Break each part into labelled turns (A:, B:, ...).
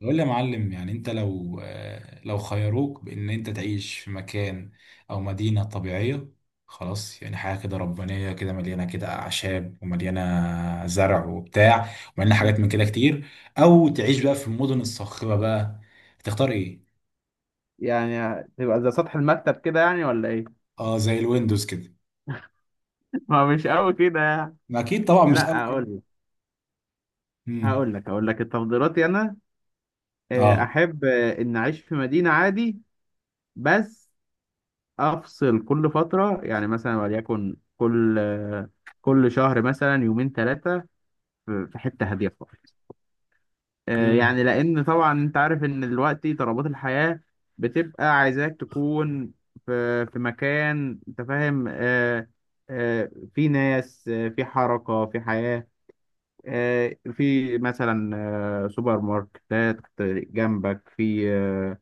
A: بقول لي يا معلم، يعني انت لو خيروك بان انت تعيش في مكان او مدينة طبيعية، خلاص يعني حاجة كده ربانية كده، مليانة كده اعشاب، ومليانة زرع وبتاع، ومليانة حاجات من كده كتير، او تعيش بقى في المدن الصاخبة بقى، تختار ايه؟
B: يعني تبقى زي سطح المكتب كده يعني ولا ايه؟
A: اه، زي الويندوز كده.
B: ما هو مش قوي كده يعني.
A: ما اكيد طبعا مش قوي
B: لا
A: كده.
B: اقول لك.
A: امم.
B: هقول لك تفضيلاتي انا.
A: اه.
B: احب ان اعيش في مدينة عادي، بس افصل كل فترة، يعني مثلا وليكن كل كل شهر مثلا يومين ثلاثة في حتة هادية.
A: امم. مم.
B: يعني لان طبعا انت عارف ان دلوقتي طلبات الحياة بتبقى عايزاك تكون في مكان، انت فاهم؟ في ناس، في حركة، في حياة، في مثلا سوبر ماركتات جنبك، في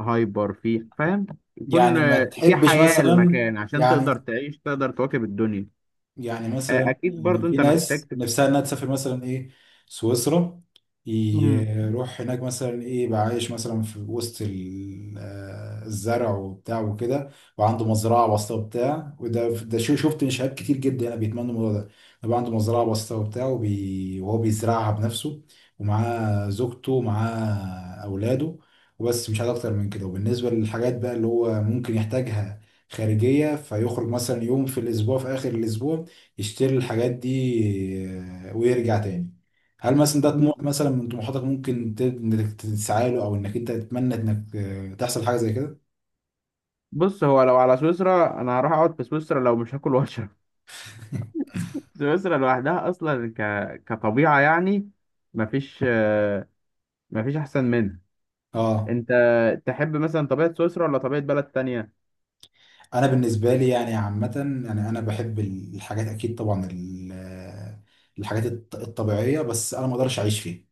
B: هايبر، في، فاهم؟ يكون
A: يعني ما
B: في
A: تحبش
B: حياة
A: مثلا،
B: المكان عشان تقدر
A: يعني
B: تعيش، تقدر تواكب الدنيا.
A: يعني مثلا،
B: اكيد برضو
A: في
B: انت محتاج
A: ناس نفسها انها تسافر مثلا ايه سويسرا، يروح هناك مثلا ايه يبقى عايش مثلا في وسط الزرع وبتاع وكده، وعنده مزرعه بسيطه وبتاع، وده شيء، شفت شباب كتير جدا انا بيتمنوا الموضوع ده، يبقى عنده مزرعه بسيطه وبتاع وهو بيزرعها بنفسه، ومعاه زوجته ومعاه اولاده، وبس مش عايز اكتر من كده. وبالنسبه للحاجات بقى اللي هو ممكن يحتاجها خارجية، فيخرج مثلا يوم في الأسبوع في آخر الأسبوع يشتري الحاجات دي ويرجع تاني. هل مثلا ده طموح
B: مم.
A: مثلا من طموحاتك ممكن انك تسعى له، او انك انت تتمنى انك تحصل حاجه زي كده؟
B: بص، هو لو على سويسرا انا هروح اقعد في سويسرا لو مش هاكل واشرب. سويسرا لوحدها اصلا كطبيعه يعني مفيش مفيش احسن منها.
A: اه.
B: انت تحب مثلا طبيعه سويسرا ولا طبيعه بلد تانية؟
A: انا بالنسبه لي يعني عامه، يعني انا بحب الحاجات اكيد طبعا الحاجات الطبيعيه، بس انا ما اقدرش اعيش فيها،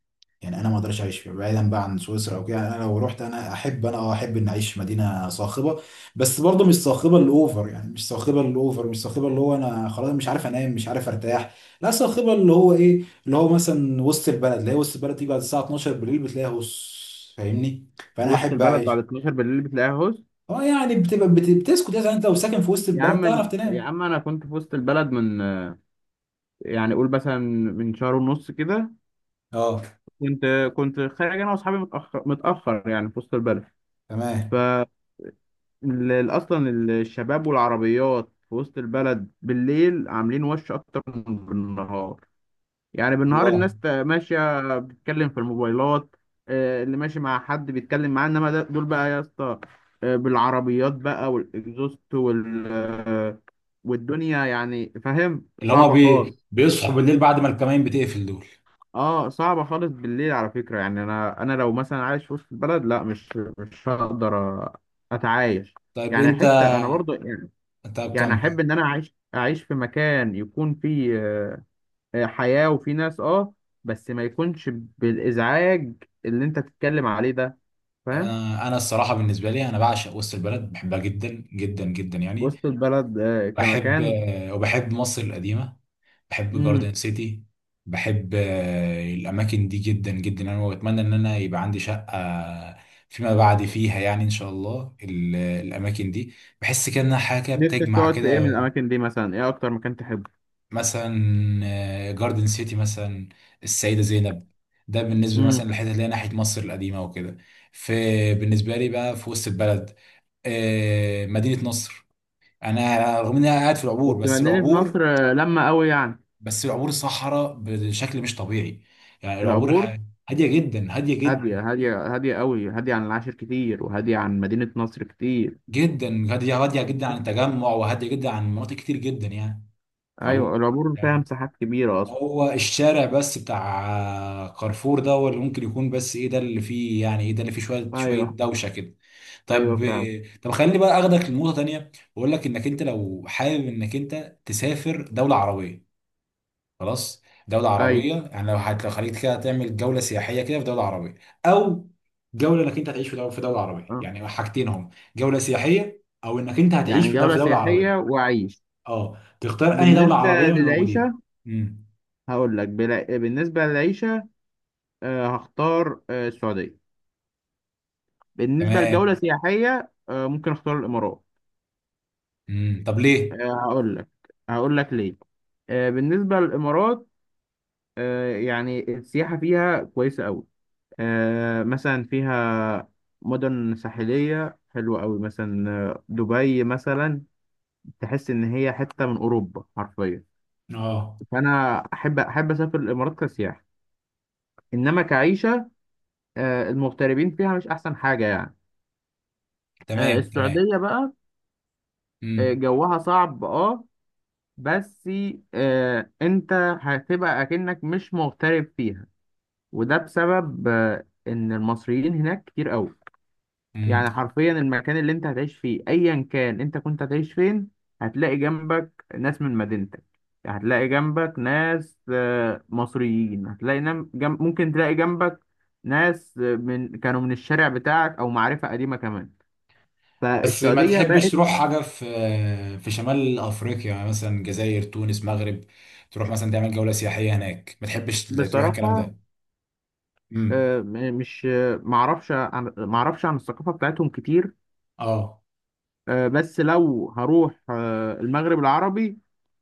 A: يعني انا ما اقدرش اعيش فيها بعيدا بقى عن سويسرا او كده. يعني انا لو رحت، انا احب، انا احب ان اعيش في مدينه صاخبه، بس برضه مش صاخبه الاوفر، يعني مش صاخبه الاوفر، مش صاخبه اللي هو انا خلاص مش عارف انام، مش عارف ارتاح. لا، صاخبه اللي هو ايه، اللي هو مثلا وسط البلد، اللي هي وسط البلد تيجي بعد الساعه 12 بالليل بتلاقيها، بص فاهمني، فانا
B: وسط
A: احب
B: البلد بعد
A: اعيش.
B: 12 بالليل بتلاقيها هوس.
A: اه، يعني بتبقى بتسكت، يعني انت لو ساكن في وسط
B: يا
A: البلد تعرف
B: عم يا
A: تنام؟
B: عم، انا كنت في وسط البلد من يعني قول مثلا من شهر ونص كده.
A: اه.
B: كنت خارج انا واصحابي متاخر يعني، في وسط البلد. ف
A: تمام.
B: اصلا الشباب والعربيات في وسط البلد بالليل عاملين وش اكتر من بالنهار. يعني بالنهار
A: الله.
B: الناس ماشيه بتتكلم في الموبايلات. اللي ماشي مع حد بيتكلم معاه، انما دول بقى يا اسطى، بالعربيات بقى والاكزوست وال والدنيا، يعني فاهم؟
A: اللي هما
B: صعبه خالص.
A: بيصحوا بالليل بعد ما الكمائن بتقفل دول.
B: اه صعبه خالص بالليل على فكره. يعني انا لو مثلا عايش في وسط البلد، لا مش هقدر اتعايش.
A: طيب
B: يعني
A: انت.
B: حتى انا برضو يعني،
A: طب
B: يعني
A: كمل.
B: احب ان انا اعيش في مكان يكون فيه حياة وفيه ناس، اه، بس ما يكونش بالازعاج اللي انت تتكلم عليه ده، فاهم؟
A: انا الصراحه بالنسبه لي، انا بعشق وسط البلد، بحبها جدا جدا جدا يعني.
B: وسط البلد
A: بحب
B: كمكان.
A: آه، وبحب مصر القديمه، بحب
B: امم.
A: جاردن سيتي، بحب الاماكن دي جدا جدا يعني، واتمنى ان انا يبقى عندي شقه فيما بعد فيها، يعني ان شاء الله الاماكن دي، بحس كده انها حاجه
B: نفسك
A: بتجمع
B: تقعد في ايه من
A: كده.
B: الاماكن دي مثلا؟ ايه اكتر مكان تحبه؟
A: مثلا جاردن سيتي مثلا، السيده زينب، ده بالنسبه مثلا
B: امم.
A: للحته اللي هي ناحيه مصر القديمه وكده. في، بالنسبه لي بقى في وسط البلد، مدينة نصر. انا رغم اني قاعد في العبور،
B: بس بما
A: بس
B: انني في مصر
A: العبور
B: لما قوي يعني.
A: بس العبور صحراء بشكل مش طبيعي، يعني العبور
B: العبور
A: هادية جدا، هادية جدا
B: هادية. هادية، هادية قوي، هادية عن العاشر كتير، وهادية عن مدينة نصر كتير.
A: جدا، هادية هادية جدا عن
B: مم.
A: التجمع، وهادية جدا عن مناطق كتير جدا يعني.
B: ايوه
A: العبور،
B: العبور فيها
A: يعني
B: مساحات كبيرة اصلا.
A: هو الشارع بس بتاع كارفور ده هو اللي ممكن يكون، بس ايه ده اللي فيه، يعني ايه ده اللي فيه شوية شوية
B: ايوه.
A: دوشة كده.
B: ايوه
A: طب
B: فعلا.
A: طب خليني بقى اخدك لنقطة تانية، واقول لك انك انت لو حابب انك انت تسافر دولة عربية، خلاص، دولة
B: ايوه.
A: عربية، يعني لو خليك كده تعمل جولة سياحية كده في دولة عربية، أو جولة إنك أنت هتعيش في دولة عربية،
B: آه.
A: يعني حاجتين هم، جولة سياحية أو إنك أنت هتعيش
B: يعني
A: في دولة
B: جولة
A: في دولة
B: سياحية
A: عربية.
B: وعيش؟
A: أه، تختار أنهي دولة
B: بالنسبة
A: عربية من الموجودين؟
B: للعيشة،
A: امم.
B: هقول لك بالنسبة للعيشة، هختار السعودية. بالنسبة لجولة
A: تمام.
B: سياحية، ممكن اختار الإمارات.
A: امم. طب ليه؟
B: آه، هقول لك، ليه. بالنسبة للإمارات، يعني السياحة فيها كويسة أوي. مثلا فيها مدن ساحلية حلوة أوي، مثلا دبي مثلا، تحس إن هي حتة من أوروبا حرفيا.
A: أه.
B: فأنا أحب أسافر الإمارات كسياحة. انما كعيشه، المغتربين فيها مش احسن حاجه يعني.
A: تمام. تمام.
B: السعوديه بقى،
A: امم.
B: جوها صعب اه، بس انت هتبقى اكنك مش مغترب فيها. وده بسبب ان المصريين هناك كتير قوي.
A: امم.
B: يعني حرفيا المكان اللي انت هتعيش فيه ايا كان انت كنت هتعيش فين، هتلاقي جنبك ناس من مدينتك، هتلاقي جنبك ناس مصريين، هتلاقي ممكن تلاقي جنبك ناس من كانوا من الشارع بتاعك، او معرفة قديمة كمان.
A: بس ما
B: فالسعودية
A: تحبش
B: بقت.
A: تروح حاجة في شمال أفريقيا، يعني مثلا جزائر، تونس، مغرب، تروح مثلا تعمل جولة سياحية هناك، ما تحبش تروح الكلام
B: بصراحة
A: ده؟ امم.
B: مش معرفش عن الثقافة بتاعتهم كتير.
A: اه.
B: بس لو هروح المغرب العربي،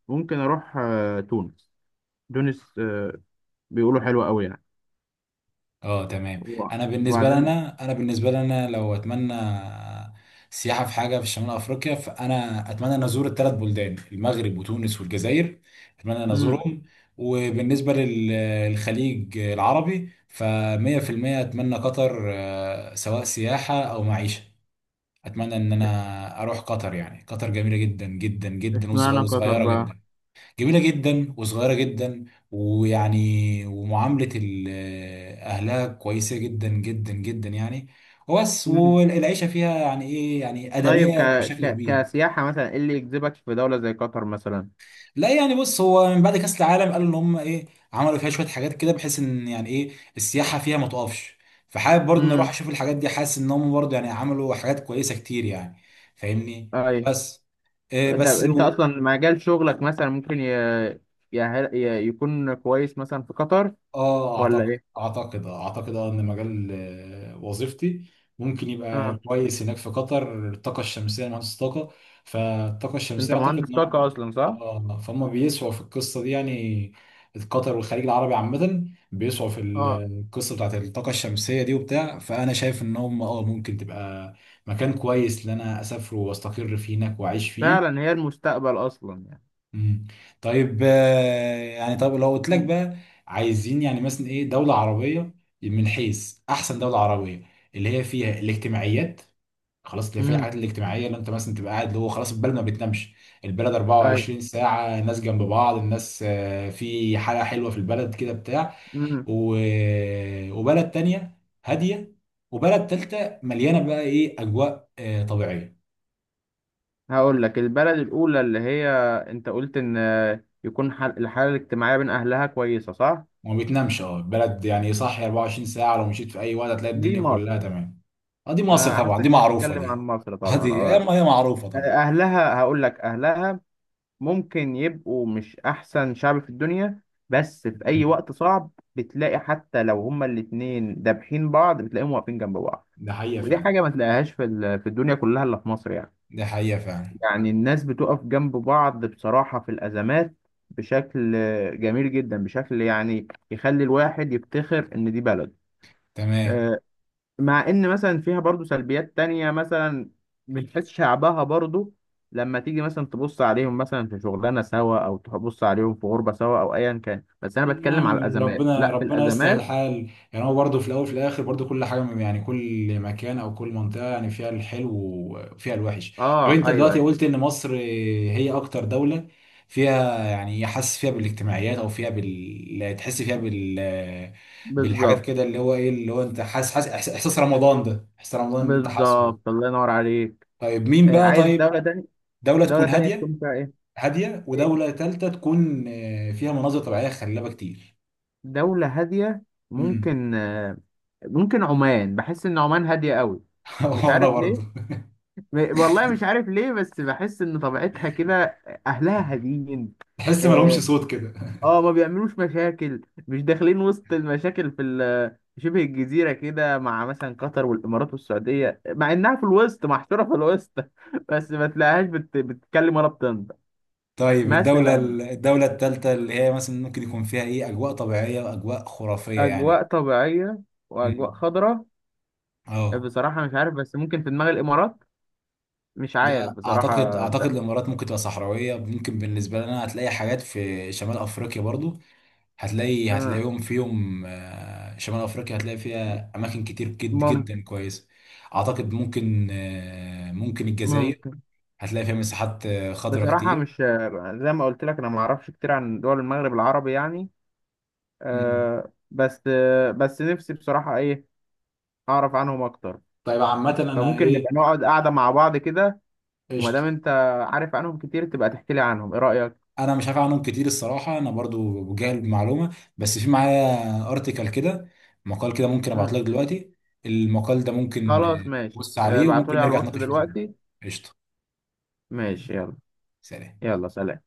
B: ممكن اروح تونس. تونس بيقولوا حلوة قوي يعني.
A: اه. تمام.
B: و-
A: انا بالنسبه
B: وبعدين.
A: لنا انا بالنسبه لنا لو اتمنى سياحه في حاجه في شمال افريقيا، فانا اتمنى ان ازور الثلاث بلدان، المغرب وتونس والجزائر، اتمنى ان
B: امم.
A: ازورهم. وبالنسبه للخليج العربي، ف 100% اتمنى قطر، سواء سياحه او معيشه، اتمنى ان انا اروح قطر، يعني قطر جميله جدا جدا جدا
B: اشمعنى قطر
A: وصغيره
B: بقى؟
A: جدا، جميلة جدا وصغيرة جدا، ومعاملة أهلها كويسة جدا جدا جدا يعني، وبس،
B: امم.
A: والعيشة فيها يعني إيه يعني
B: طيب
A: آدمية بشكل كبير.
B: كسياحة، مثلا ايه اللي يجذبك في دولة زي قطر مثلا؟
A: لا يعني بص، هو من بعد كأس العالم قالوا إن هم إيه، عملوا فيها شوية حاجات كده بحيث إن يعني إيه السياحة فيها ما تقفش، فحابب برضه إن أروح
B: امم.
A: أشوف الحاجات دي، حاسس إن هم برضه يعني عملوا حاجات كويسة كتير يعني. فاهمني.
B: اي.
A: بس، إيه
B: انت
A: بس.
B: اصلا مجال شغلك مثلا ممكن يكون كويس مثلا في قطر
A: اه
B: ولا
A: اعتقد
B: ايه؟
A: اعتقد آه، اعتقد آه ان مجال وظيفتي ممكن يبقى
B: اه.
A: كويس هناك في قطر، الطاقه الشمسيه، أنا مهندس طاقه، فالطاقه الشمسيه
B: انت
A: اعتقد
B: مهندس طاقة
A: انهم
B: اصلا، صح؟
A: اه فهم بيسعوا في القصه دي، يعني قطر والخليج العربي عامه بيسعوا في
B: اه
A: القصه بتاعت الطاقه الشمسيه دي وبتاع، فانا شايف ان هم ممكن تبقى مكان كويس ان انا اسافر واستقر فيه هناك واعيش فيه.
B: فعلا، هي المستقبل اصلا يعني.
A: مم. طيب يعني، طب لو قلت لك
B: امم.
A: بقى، عايزين يعني مثلا ايه دولة عربية من حيث احسن دولة عربية، اللي هي فيها الاجتماعيات، خلاص اللي فيها
B: امم.
A: الحاجات الاجتماعية، اللي انت مثلا تبقى قاعد، اللي هو خلاص البلد ما بتنامش، البلد
B: اي.
A: 24 ساعة الناس جنب بعض، الناس في حالة حلوة في البلد كده بتاع،
B: امم.
A: و... وبلد تانية هادية، وبلد تالتة مليانة بقى ايه اجواء طبيعية.
B: هقول لك البلد الاولى اللي هي، انت قلت ان يكون الحالة الاجتماعية بين اهلها كويسة، صح؟
A: ما بيتنامش، بلد يعني صاحي 24 ساعة، لو مشيت في أي وقت هتلاقي
B: دي
A: الدنيا
B: مصر.
A: كلها تمام. اه دي مصر طبعا،
B: حاسسك
A: دي معروفة
B: بتتكلم عن
A: دي.
B: مصر
A: اه
B: طبعا،
A: دي هي
B: اه.
A: هي معروفة طبعا.
B: اهلها، هقول لك اهلها ممكن يبقوا مش احسن شعب في الدنيا، بس في اي
A: مم.
B: وقت صعب بتلاقي حتى لو هما الاتنين دابحين بعض، بتلاقيهم واقفين جنب بعض.
A: ده حقيقة
B: ودي
A: فعلا.
B: حاجة ما تلاقيهاش في في الدنيا كلها الا في مصر يعني.
A: ده حقيقة فعلا.
B: يعني الناس بتقف جنب بعض بصراحة في الازمات، بشكل جميل جدا، بشكل يعني يخلي الواحد يفتخر ان دي بلد.
A: تمام.
B: آه، مع ان مثلا فيها برضو سلبيات تانية مثلا من حيث شعبها برضو، لما تيجي مثلا تبص عليهم مثلا في شغلانه سوا او تبص عليهم في غربه سوا او ايا كان، بس انا بتكلم على
A: نعم،
B: الازمات،
A: ربنا
B: لا في
A: ربنا يسهل
B: الازمات.
A: الحال، يعني هو برضه في الاول في الاخر برضه كل حاجه، يعني كل مكان او كل منطقه يعني فيها الحلو وفيها الوحش. طب
B: اه
A: انت
B: ايوه،
A: دلوقتي
B: ايوه،
A: قلت ان مصر هي اكتر دوله فيها، يعني حاسس فيها بالاجتماعيات، او فيها بال، تحس فيها بالحاجات
B: بالظبط.
A: كده، اللي هو ايه، اللي هو انت حاسس إحساس رمضان ده، احساس رمضان اللي انت حاسه
B: بالظبط
A: ده.
B: الله ينور عليك.
A: طيب مين
B: آه
A: بقى؟
B: عايز
A: طيب
B: دوله تانية.
A: دوله
B: دوله
A: تكون
B: تانية
A: هاديه،
B: تكون فيها ايه؟
A: هاديه،
B: إيه؟
A: ودوله ثالثه تكون فيها مناظر طبيعيه خلابه كتير.
B: دوله هاديه. ممكن آه، ممكن عمان، بحس ان عمان هاديه قوي. مش
A: وانا
B: عارف
A: برضه.
B: ليه، والله مش عارف ليه، بس بحس ان طبيعتها كده، اهلها هاديين،
A: تحس ما لهمش
B: اه.
A: صوت كده.
B: ما بيعملوش مشاكل، مش داخلين وسط المشاكل في في شبه الجزيرة كده، مع مثلا قطر والامارات والسعودية، مع انها في الوسط محشورة في الوسط. بس ما تلاقيهاش بتتكلم ولا بتنطق
A: طيب الدولة
B: مثلا.
A: الدولة الثالثة اللي هي مثلا ممكن يكون فيها ايه أجواء طبيعية وأجواء خرافية يعني؟
B: اجواء طبيعية واجواء
A: امم.
B: خضراء.
A: اه.
B: بصراحة مش عارف، بس ممكن في دماغ الامارات. مش عارف
A: لا أعتقد
B: بصراحة
A: أعتقد
B: ده.
A: الإمارات ممكن تبقى صحراوية، ممكن بالنسبة لنا هتلاقي حاجات في شمال أفريقيا برضو، هتلاقي،
B: آه،
A: هتلاقيهم فيهم شمال أفريقيا، هتلاقي فيها أماكن كتير
B: ممكن.
A: جدا كويسة، أعتقد ممكن الجزائر،
B: ممكن.
A: هتلاقي فيها مساحات خضراء
B: بصراحة
A: كتير.
B: مش، زي ما قلت لك، أنا ما أعرفش كتير عن دول المغرب العربي يعني.
A: مم.
B: بس بس نفسي بصراحة إيه أعرف عنهم أكتر.
A: طيب عامة أنا
B: فممكن
A: إيه.
B: نبقى نقعد قاعدة مع بعض كده. وما
A: قشطة.
B: دام أنت عارف عنهم كتير، تبقى تحكي لي عنهم، إيه رأيك؟
A: انا مش عارف عنهم كتير الصراحه، انا برضو بجهل المعلومه، بس في معايا ارتكل كده، مقال كده ممكن ابعت
B: مم.
A: لك دلوقتي، المقال ده ممكن
B: خلاص ماشي.
A: تبص عليه، وممكن
B: ابعتولي على
A: نرجع
B: الواتس
A: نتناقش فيه تاني.
B: دلوقتي.
A: قشطه. قشطة.
B: ماشي يلا.
A: سلام.
B: يلا سلام.